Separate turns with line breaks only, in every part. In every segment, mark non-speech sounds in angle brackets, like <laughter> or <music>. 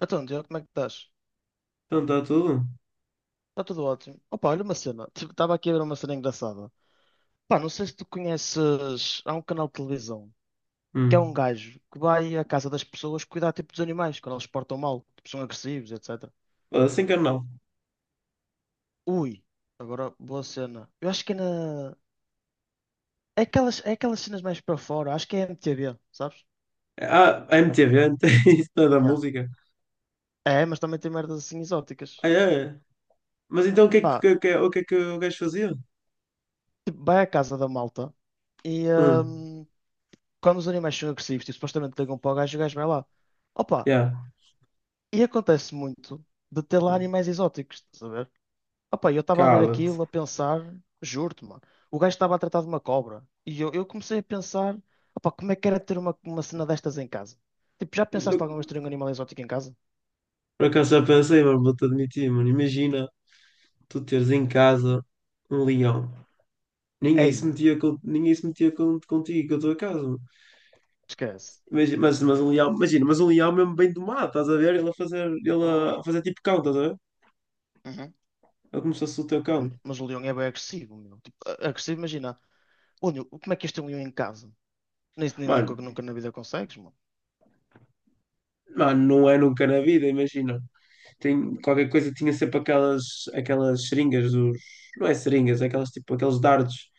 Então, Diogo, como é que estás?
Então está tudo?
Está tudo ótimo. Opa, olha uma cena. Tipo, estava aqui a ver uma cena engraçada. Pá, não sei se tu conheces. Há um canal de televisão que é um
Hum.
gajo que vai à casa das pessoas cuidar tipo dos animais quando eles se portam mal, tipo, são agressivos, etc.
Assim que eu não.
Ui, agora boa cena. Eu acho que é na. É aquelas cenas mais para fora. Acho que é MTV, sabes?
Ah, a MTV, não tem <laughs> isso não é da
Yeah.
música.
É, mas também tem merdas assim
Ah,
exóticas.
é? É. Mas então
Pá,
o que é que o gajo fazia?
tipo, vai à casa da malta e
Hum.
hum, quando os animais são agressivos, tipo, supostamente ligam para o gajo vai lá. Opa.
Yeah,
E acontece muito de ter lá animais exóticos, estás a ver? Opa, eu estava a ver
cala-te.
aquilo, a pensar, juro-te, mano, o gajo estava a tratar de uma cobra. E eu comecei a pensar, opa, como é que era ter uma cena destas em casa? Tipo, já pensaste
No-
alguma vez ter um animal exótico em casa?
Por acaso já pensei, mas vou-te admitir, mano. Imagina tu teres em casa um leão.
Eia,
Ninguém se metia contigo, com a tua casa, mano.
esquece.
Imagina, mas um leão, imagina, mas um leão é mesmo bem domado, estás a ver? Ele a fazer tipo cão, estás a ver?
Uhum.
Ele como se fosse o teu cão.
Mas o leão é bem agressivo, meu. Tipo, agressivo, imagina. Ô, Nil, como é que este é um leão em casa? Nem
Mano,
nunca na vida consegues, mano.
mano, não é nunca na vida, imagina. Tem, qualquer coisa tinha sempre aquelas seringas dos. Não é seringas, é aquelas tipo aqueles dardos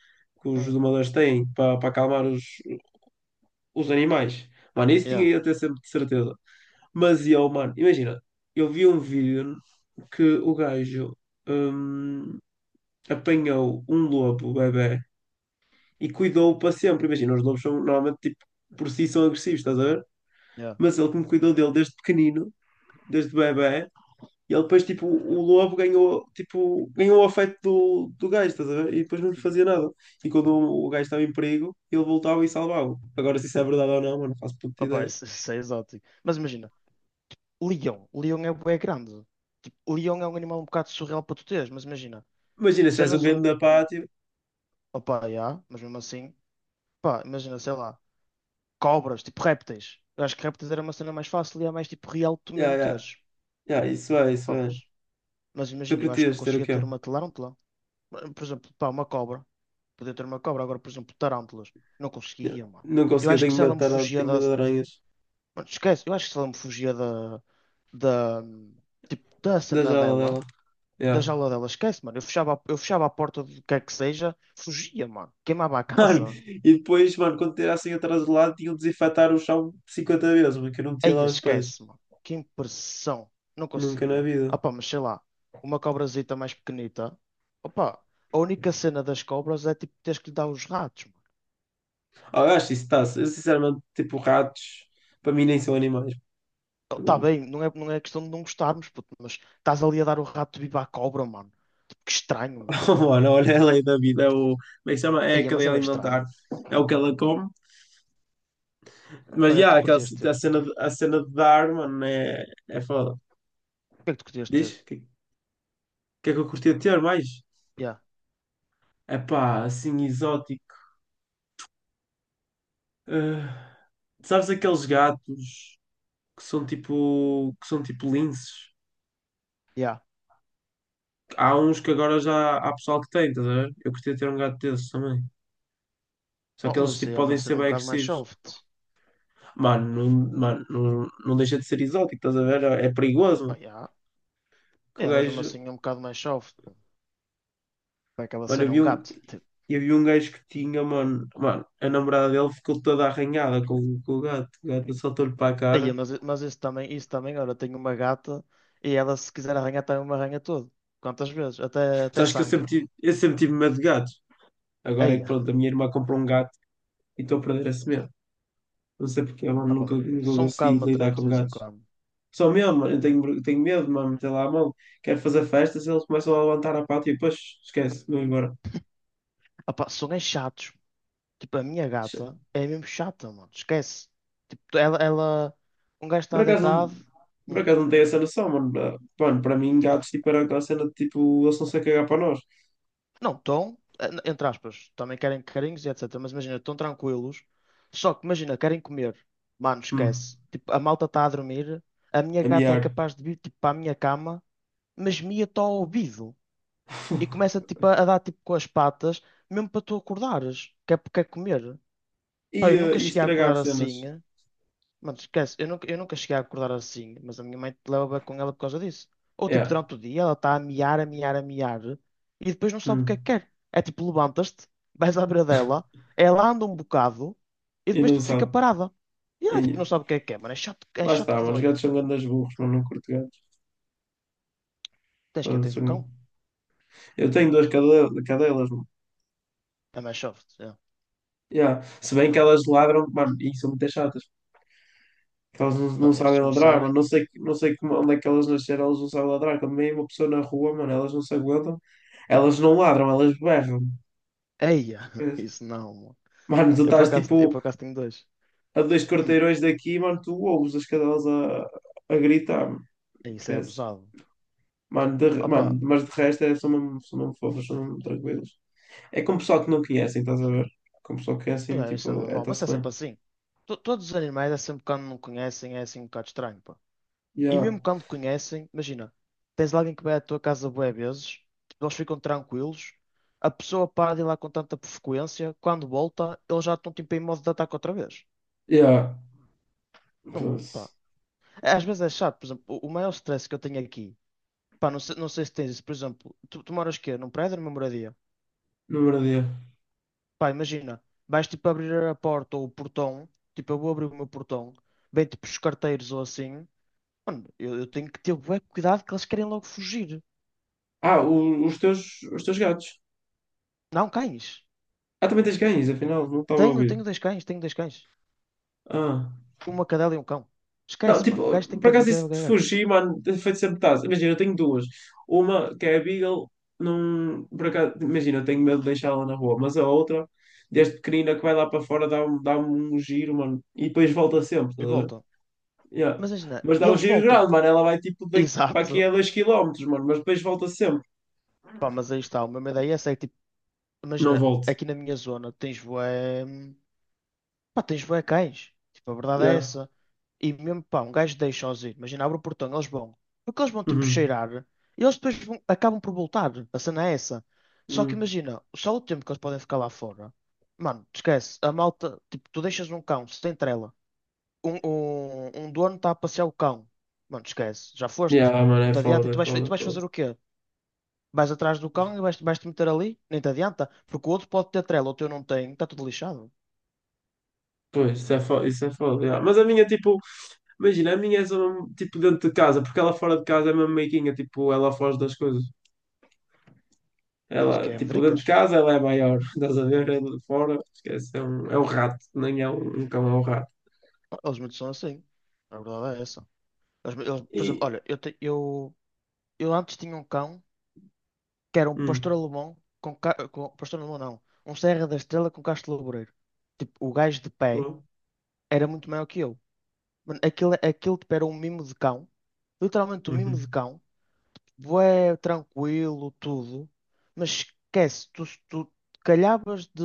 que os
Uhum.
domadores têm para acalmar os animais. Mano, isso tinha
Yeah,
eu até sempre de certeza. Mas eu, mano, imagina, eu vi um vídeo que o gajo hum, apanhou um lobo, bebê, e cuidou-o para sempre. Imagina, os lobos são normalmente tipo, por si são agressivos, estás a ver?
yeah.
Mas ele como cuidou dele desde pequenino, desde bebê, e ele depois, tipo, o lobo ganhou, tipo, ganhou o afeto do gajo, estás a ver? E depois não lhe
Uhum.
fazia nada. E quando o gajo estava em perigo, ele voltava e salvava-o. Agora, se isso é verdade ou não, mano, não faço puta
Opa,
ideia.
isso é exótico. Mas imagina. Leão. Leão é bué grande. Tipo, leão é um animal um bocado surreal para tu teres, mas imagina,
Imagina, se tivesse um
cenas
game
um.
da pátio.
Opa, já, mas mesmo assim, pá, imagina, sei lá, cobras, tipo répteis. Eu acho que répteis era uma cena mais fácil e é mais tipo real que tu
Yeah,
mesmo
yeah,
teres.
yeah, isso é, isso
Pá,
é.
mas
Tu
imagina, eu acho que não
curtias ter o
conseguia
quê?
ter uma tarântula. Por exemplo, pá, uma cobra. Podia ter uma cobra, agora, por exemplo, tarântulas. Não
Yeah.
conseguia, mano.
Não
Eu
conseguia,
acho que se ela me fugia
tenho
da.
medo de aranhas.
Mano, esquece, eu acho que se ela me fugia da. Tipo, da
Da
cena
jaula dela.
dela. Da
Yeah.
jaula dela, esquece, mano. Eu fechava a porta do que é que seja, fugia, mano. Queimava a
<laughs> Mano,
casa.
e depois, mano, quando tirassem atrás do lado, tinham de desinfetar o chão 50 vezes, porque eu não metia
Aí
lá os pés.
esquece, mano. Que impressão. Não
Nunca na
conseguia. Ah,
vida.
pá, mas sei lá, uma cobrazita mais pequenita. Opa, a única cena das cobras é tipo teres que lhe dar os ratos, mano.
Ah, eu acho isso está. Eu sinceramente, tipo, ratos, para mim nem são animais.
Tá
<laughs>
bem, não é questão de não gostarmos, puto, mas estás ali a dar o rato vivo à cobra, mano. Tipo, que estranho, meu.
Oh, mano, olha é a lei da vida, é o. Como é que se chama? É a
Aí, mas
cadeia
é bem
alimentar,
estranho.
é o que ela come. Mas
Para que é que
já,
tu
aquela
curtias ter?
a cena de dar, mano, é foda.
Para que é que tu curtias ter?
Diz? Que é que eu curtia de ter mais?
Yeah,
É pá, assim, exótico. Ah, sabes aqueles gatos que são tipo linces?
yeah.
Há uns que agora já há pessoal que tem, estás a ver? Eu curtia ter um gato desses também. Só
Oh,
que eles
mas
tipo,
é
podem
uma
ser
cena um
bem
bocado mais
agressivos.
soft.
Mano, não, mano, não, não deixa de ser exótico, estás a ver? É perigoso.
Pá, yeah.
Que o
É, mas mesmo
gajo.
assim é um bocado mais soft. Pô. Para aquela
Mano, eu
cena,
vi
um
um,
gato. Tipo,
eu vi um gajo que tinha, mano. Mano, a namorada dele ficou toda arranhada com o gato. O gato saltou-lhe para a
aí,
cara.
mas isso também, olha, tenho uma gata e ela se quiser arranhar também me arranha todo. Quantas vezes? Até
Sabes que eu
sangue.
sempre tive, eu sempre tive medo de gatos. Agora é
Aí,
que pronto, a minha irmã comprou um gato e estou a perder esse medo. Não sei porque, mano,
ah, pá,
nunca
são um bocado
consegui lidar
matreiros de
com
vez em
gatos.
quando.
Só mesmo, mano, eu tenho medo, mano, meter lá a mão. Quero fazer festas, eles começam a levantar a pata e depois esquece, vou embora.
Ah, pá, são é chatos. Tipo, a minha gata é mesmo chata, mano. Esquece. Tipo, ela, um gajo
Por
está
acaso, não-
deitado.
por
Hum.
acaso não tem essa noção, mano. Mano, para mim, gatos, tipo, era aquela cena de, tipo, eles estão-se a cagar para nós.
Não, estão, entre aspas, também querem carinhos e etc. Mas imagina, estão tranquilos. Só que imagina, querem comer. Mano,
Hum,
esquece. Tipo, a malta está a dormir. A minha
a
gata é
miar.
capaz de vir tipo, para a minha cama, mas mia-te ao ouvido. E começa
<laughs>
tipo, a dar tipo com as patas, mesmo para tu acordares. Que é porque é comer.
E,
Pá, eu nunca
e
cheguei a
estragar
acordar
cenas.
assim. Mano, esquece, eu nunca cheguei a acordar assim, mas a minha mãe te leva com ela por causa disso. Ou tipo,
É.
durante o dia ela está a miar, a miar, a miar, e depois não sabe o que é que
Hum.
quer. É tipo, levantas-te, vais à beira dela, ela anda um bocado, e
E
depois
não
tipo, fica
sabe.
parada. E ela tipo, não
E-
sabe o que é que quer, mano, é
Lá está,
chato que
mano. Os
dói.
gatos são grandes burros, mano. Não curto gatos.
Tens que
Mano,
tens um
são-
cão?
Eu tenho duas cadelas, mano.
É mais soft. É.
Yeah. Se bem que elas ladram, mano, e são muito chatas. Que elas não
Pá, é, se
sabem ladrar, mano.
começarem.
Não sei como, onde é que elas nasceram, elas não sabem ladrar. Quando vem uma pessoa na rua, mano, elas não se aguentam. Elas não ladram, elas berram.
Eia, <laughs>
Esquece.
isso não, mano.
Mano, tu
Eu por
estás
acaso, eu
tipo
por acaso tenho dois.
a dois
Hum,
quarteirões daqui, mano, tu ouves as cadelas a gritar, mano.
É isso é
Esquece.
abusado.
Mano,
Opa,
mas de resto é, são mesmo fofos, são mesmo tranquilos. É com pessoal que não conhecem, estás a ver? Com pessoal que conhecem,
é isso é
tipo, é,
normal, mas
está-se
é
bem.
sempre assim. Todos os animais é sempre quando não conhecem, é assim um bocado estranho, pá. E
Yeah,
mesmo quando conhecem, imagina, tens lá alguém que vai à tua casa bué vezes, tipo, eles ficam tranquilos, a pessoa para de ir lá com tanta frequência, quando volta, eles já estão tipo em modo de ataque outra vez.
yeah.
Não, pá.
Foda-se.
É, às vezes é chato, por exemplo, o maior stress que eu tenho aqui, pá, não sei se tens isso, por exemplo, tu moras quê? Num prédio ou numa moradia?
Número de.
Pá, imagina, vais tipo abrir a porta ou o portão, tipo, eu vou abrir o meu portão, vem tipo os carteiros ou assim. Mano, eu tenho que ter bué cuidado que eles querem logo fugir.
Ah, os teus gatos.
Não, cães.
Ah, também tens cães, afinal, não estava a
Tenho,
ouvir.
tenho dois cães, tenho dois cães.
Ah.
Uma cadela e um cão.
Não,
Esquece, mano. Um
tipo,
gajo tem
por
que abrir
acaso
bem
isso
o
de
gagar.
fugir, mano, tem feito sempre taz. Imagina, eu tenho duas. Uma que é a Beagle, não, por acaso, imagina, eu tenho medo de deixá-la na rua, mas a outra, desde pequenina que vai lá para fora, dá-me dá um giro, mano, e depois volta sempre,
E
estás a ver?
voltam.
Yeah.
Mas imagina,
Mas dá um
eles
giro
voltam.
grande, mano, ela vai tipo
<laughs>
daqui para
Exato.
aqui a 2 km, mano, mas depois volta sempre.
Pá, mas aí está. A mesma ideia é essa. É que, tipo,
Não
imagina,
volto.
aqui na minha zona tens bué. Pá, tens bué cães. Tipo, a verdade é
Yeah.
essa. E mesmo, pá, um gajo deixa-os ir. Imagina, abre o portão, eles vão. Porque eles vão, tipo,
Uhum.
cheirar. E eles depois acabam por voltar. A cena é essa. Só que
Uhum.
imagina, só o tempo que eles podem ficar lá fora. Mano, te esquece. A malta, tipo, tu deixas um cão sem trela. Um dono está a passear o cão. Mano, te esquece. Já
Yeah,
foste.
mano,
Não
é
te adianta. E
foda,
tu
é
vais, e
foda,
tu
é
vais
foda.
fazer o quê? Vais atrás do cão e vais-te meter ali? Nem te adianta. Porque o outro pode ter trela, o teu não tem. Está tudo lixado.
Pois, isso é foda, isso é foda. Yeah. Mas a minha, tipo, imagina, a minha é só mesmo, tipo dentro de casa, porque ela fora de casa é mesmo meiguinha, tipo, ela foge das coisas.
Tudo que
Ela,
é
tipo, dentro de
medricas.
casa ela é maior, <laughs> estás a ver? Ela de fora, esquece, é um rato, nem é um, cão, é um rato.
Eles muitos são assim. A verdade é essa. Por exemplo,
E.
olha, eu antes tinha um cão que era um
Hum,
pastor alemão com pastor alemão não, um Serra da Estrela com Castro Laboreiro. Tipo, o gajo de pé
oh,
era muito maior que eu. Mano, aquilo tipo, era um mimo de cão, literalmente um mimo
uhum.
de cão, bué, tranquilo, tudo, mas esquece, tu calhavas de,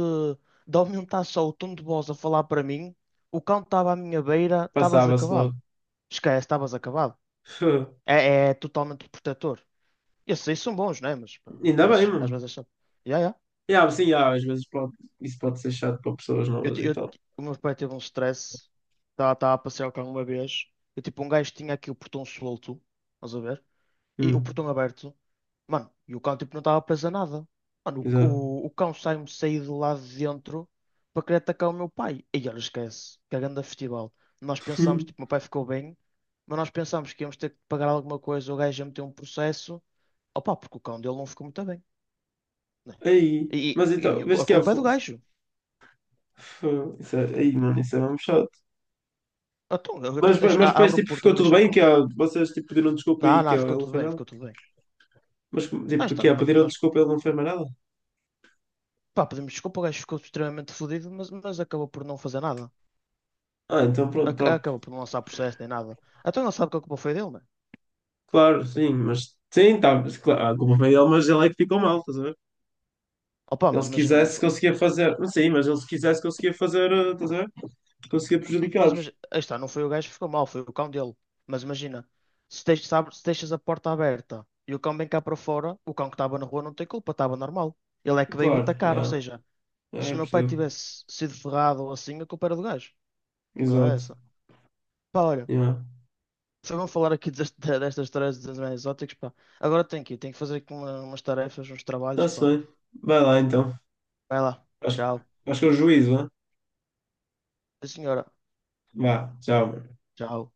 de aumentar só o tom de voz a falar para mim, o cão estava à minha beira, estavas
Passava-se logo.
acabado. Esquece, estavas acabado.
<laughs>
É totalmente protetor. Esses aí são bons, né? Mas pá, às
Ainda bem,
vezes, às
mano.
vezes é chato. Yeah, yeah.
Yeah, sim, yeah, às vezes pode, isso pode ser chato para pessoas novas e tal.
O meu pai teve um stress. Estava a passear o carro uma vez. Eu, tipo, um gajo tinha aqui o portão solto. Estás a ver? E o
Hum,
portão aberto, mano, e o cão tipo não estava preso a nada. Mano,
exato.
o cão sai-me sair de lá de dentro para querer atacar o meu pai. E olha, esquece, que é grande festival. Nós pensámos, tipo, meu
<laughs>
pai ficou bem, mas nós pensámos que íamos ter que pagar alguma coisa, o gajo ia meter um processo. Opa, porque o cão dele não ficou muito bem, né?
Aí,
E,
mas
e
então,
e a, cu-
vês
a
que é.
culpa é do gajo.
Isso é, aí, mano, isso é mesmo chato.
Então
Mas, mas depois
abro o
tipo,
portão
ficou
e
tudo
deixo o
bem, que
cão.
ó, vocês tipo, pediram desculpa
Não,
e que
não,
ó, ele
ficou
não
tudo
fez
bem,
nada.
ficou tudo bem.
Mas tipo,
Nós, tá-
que ó,
pá,
pediram
nós,
desculpa e ele não fez mais nada.
pá, pedimos desculpa, o gajo ficou extremamente fodido, mas acabou por não fazer nada.
Ah, então pronto, top.
Acabou por não lançar processo nem nada. Então ele sabe que a culpa foi dele, né?
Claro, sim, mas sim, tá, mas, claro, a culpa foi dele, mas ele é que ficou mal, estás a ver?
Opa,
Ele
mas
se
imagina, não
quisesse
foi.
conseguia fazer, não sei, mas ele se quisesse conseguia fazer, estás a ver? Conseguia
Mas,
prejudicar-vos.
mas aí está, não foi o gajo que ficou mal, foi o cão dele. Mas imagina, se, teix- sabe- se deixas a porta aberta e o cão vem cá para fora, o cão que estava na rua não tem culpa, estava normal. Ele é que veio
Claro,
atacar, ou
yeah,
seja,
é,
se o
eu
meu pai
percebo.
tivesse sido ferrado ou assim, a culpa era do gajo. A verdade é
Exato.
essa. Pá, olha,
Yeah.
só vamos falar aqui <laughs> destas histórias dos animais exóticos, pá. Agora tenho que ir, tenho que fazer aqui umas tarefas, uns trabalhos,
Está-se
pá.
bem. Vai lá então.
Vai lá,
Acho,
tchau.
acho que é o juízo, né?
Sim, senhora,
Vá, tchau.
tchau.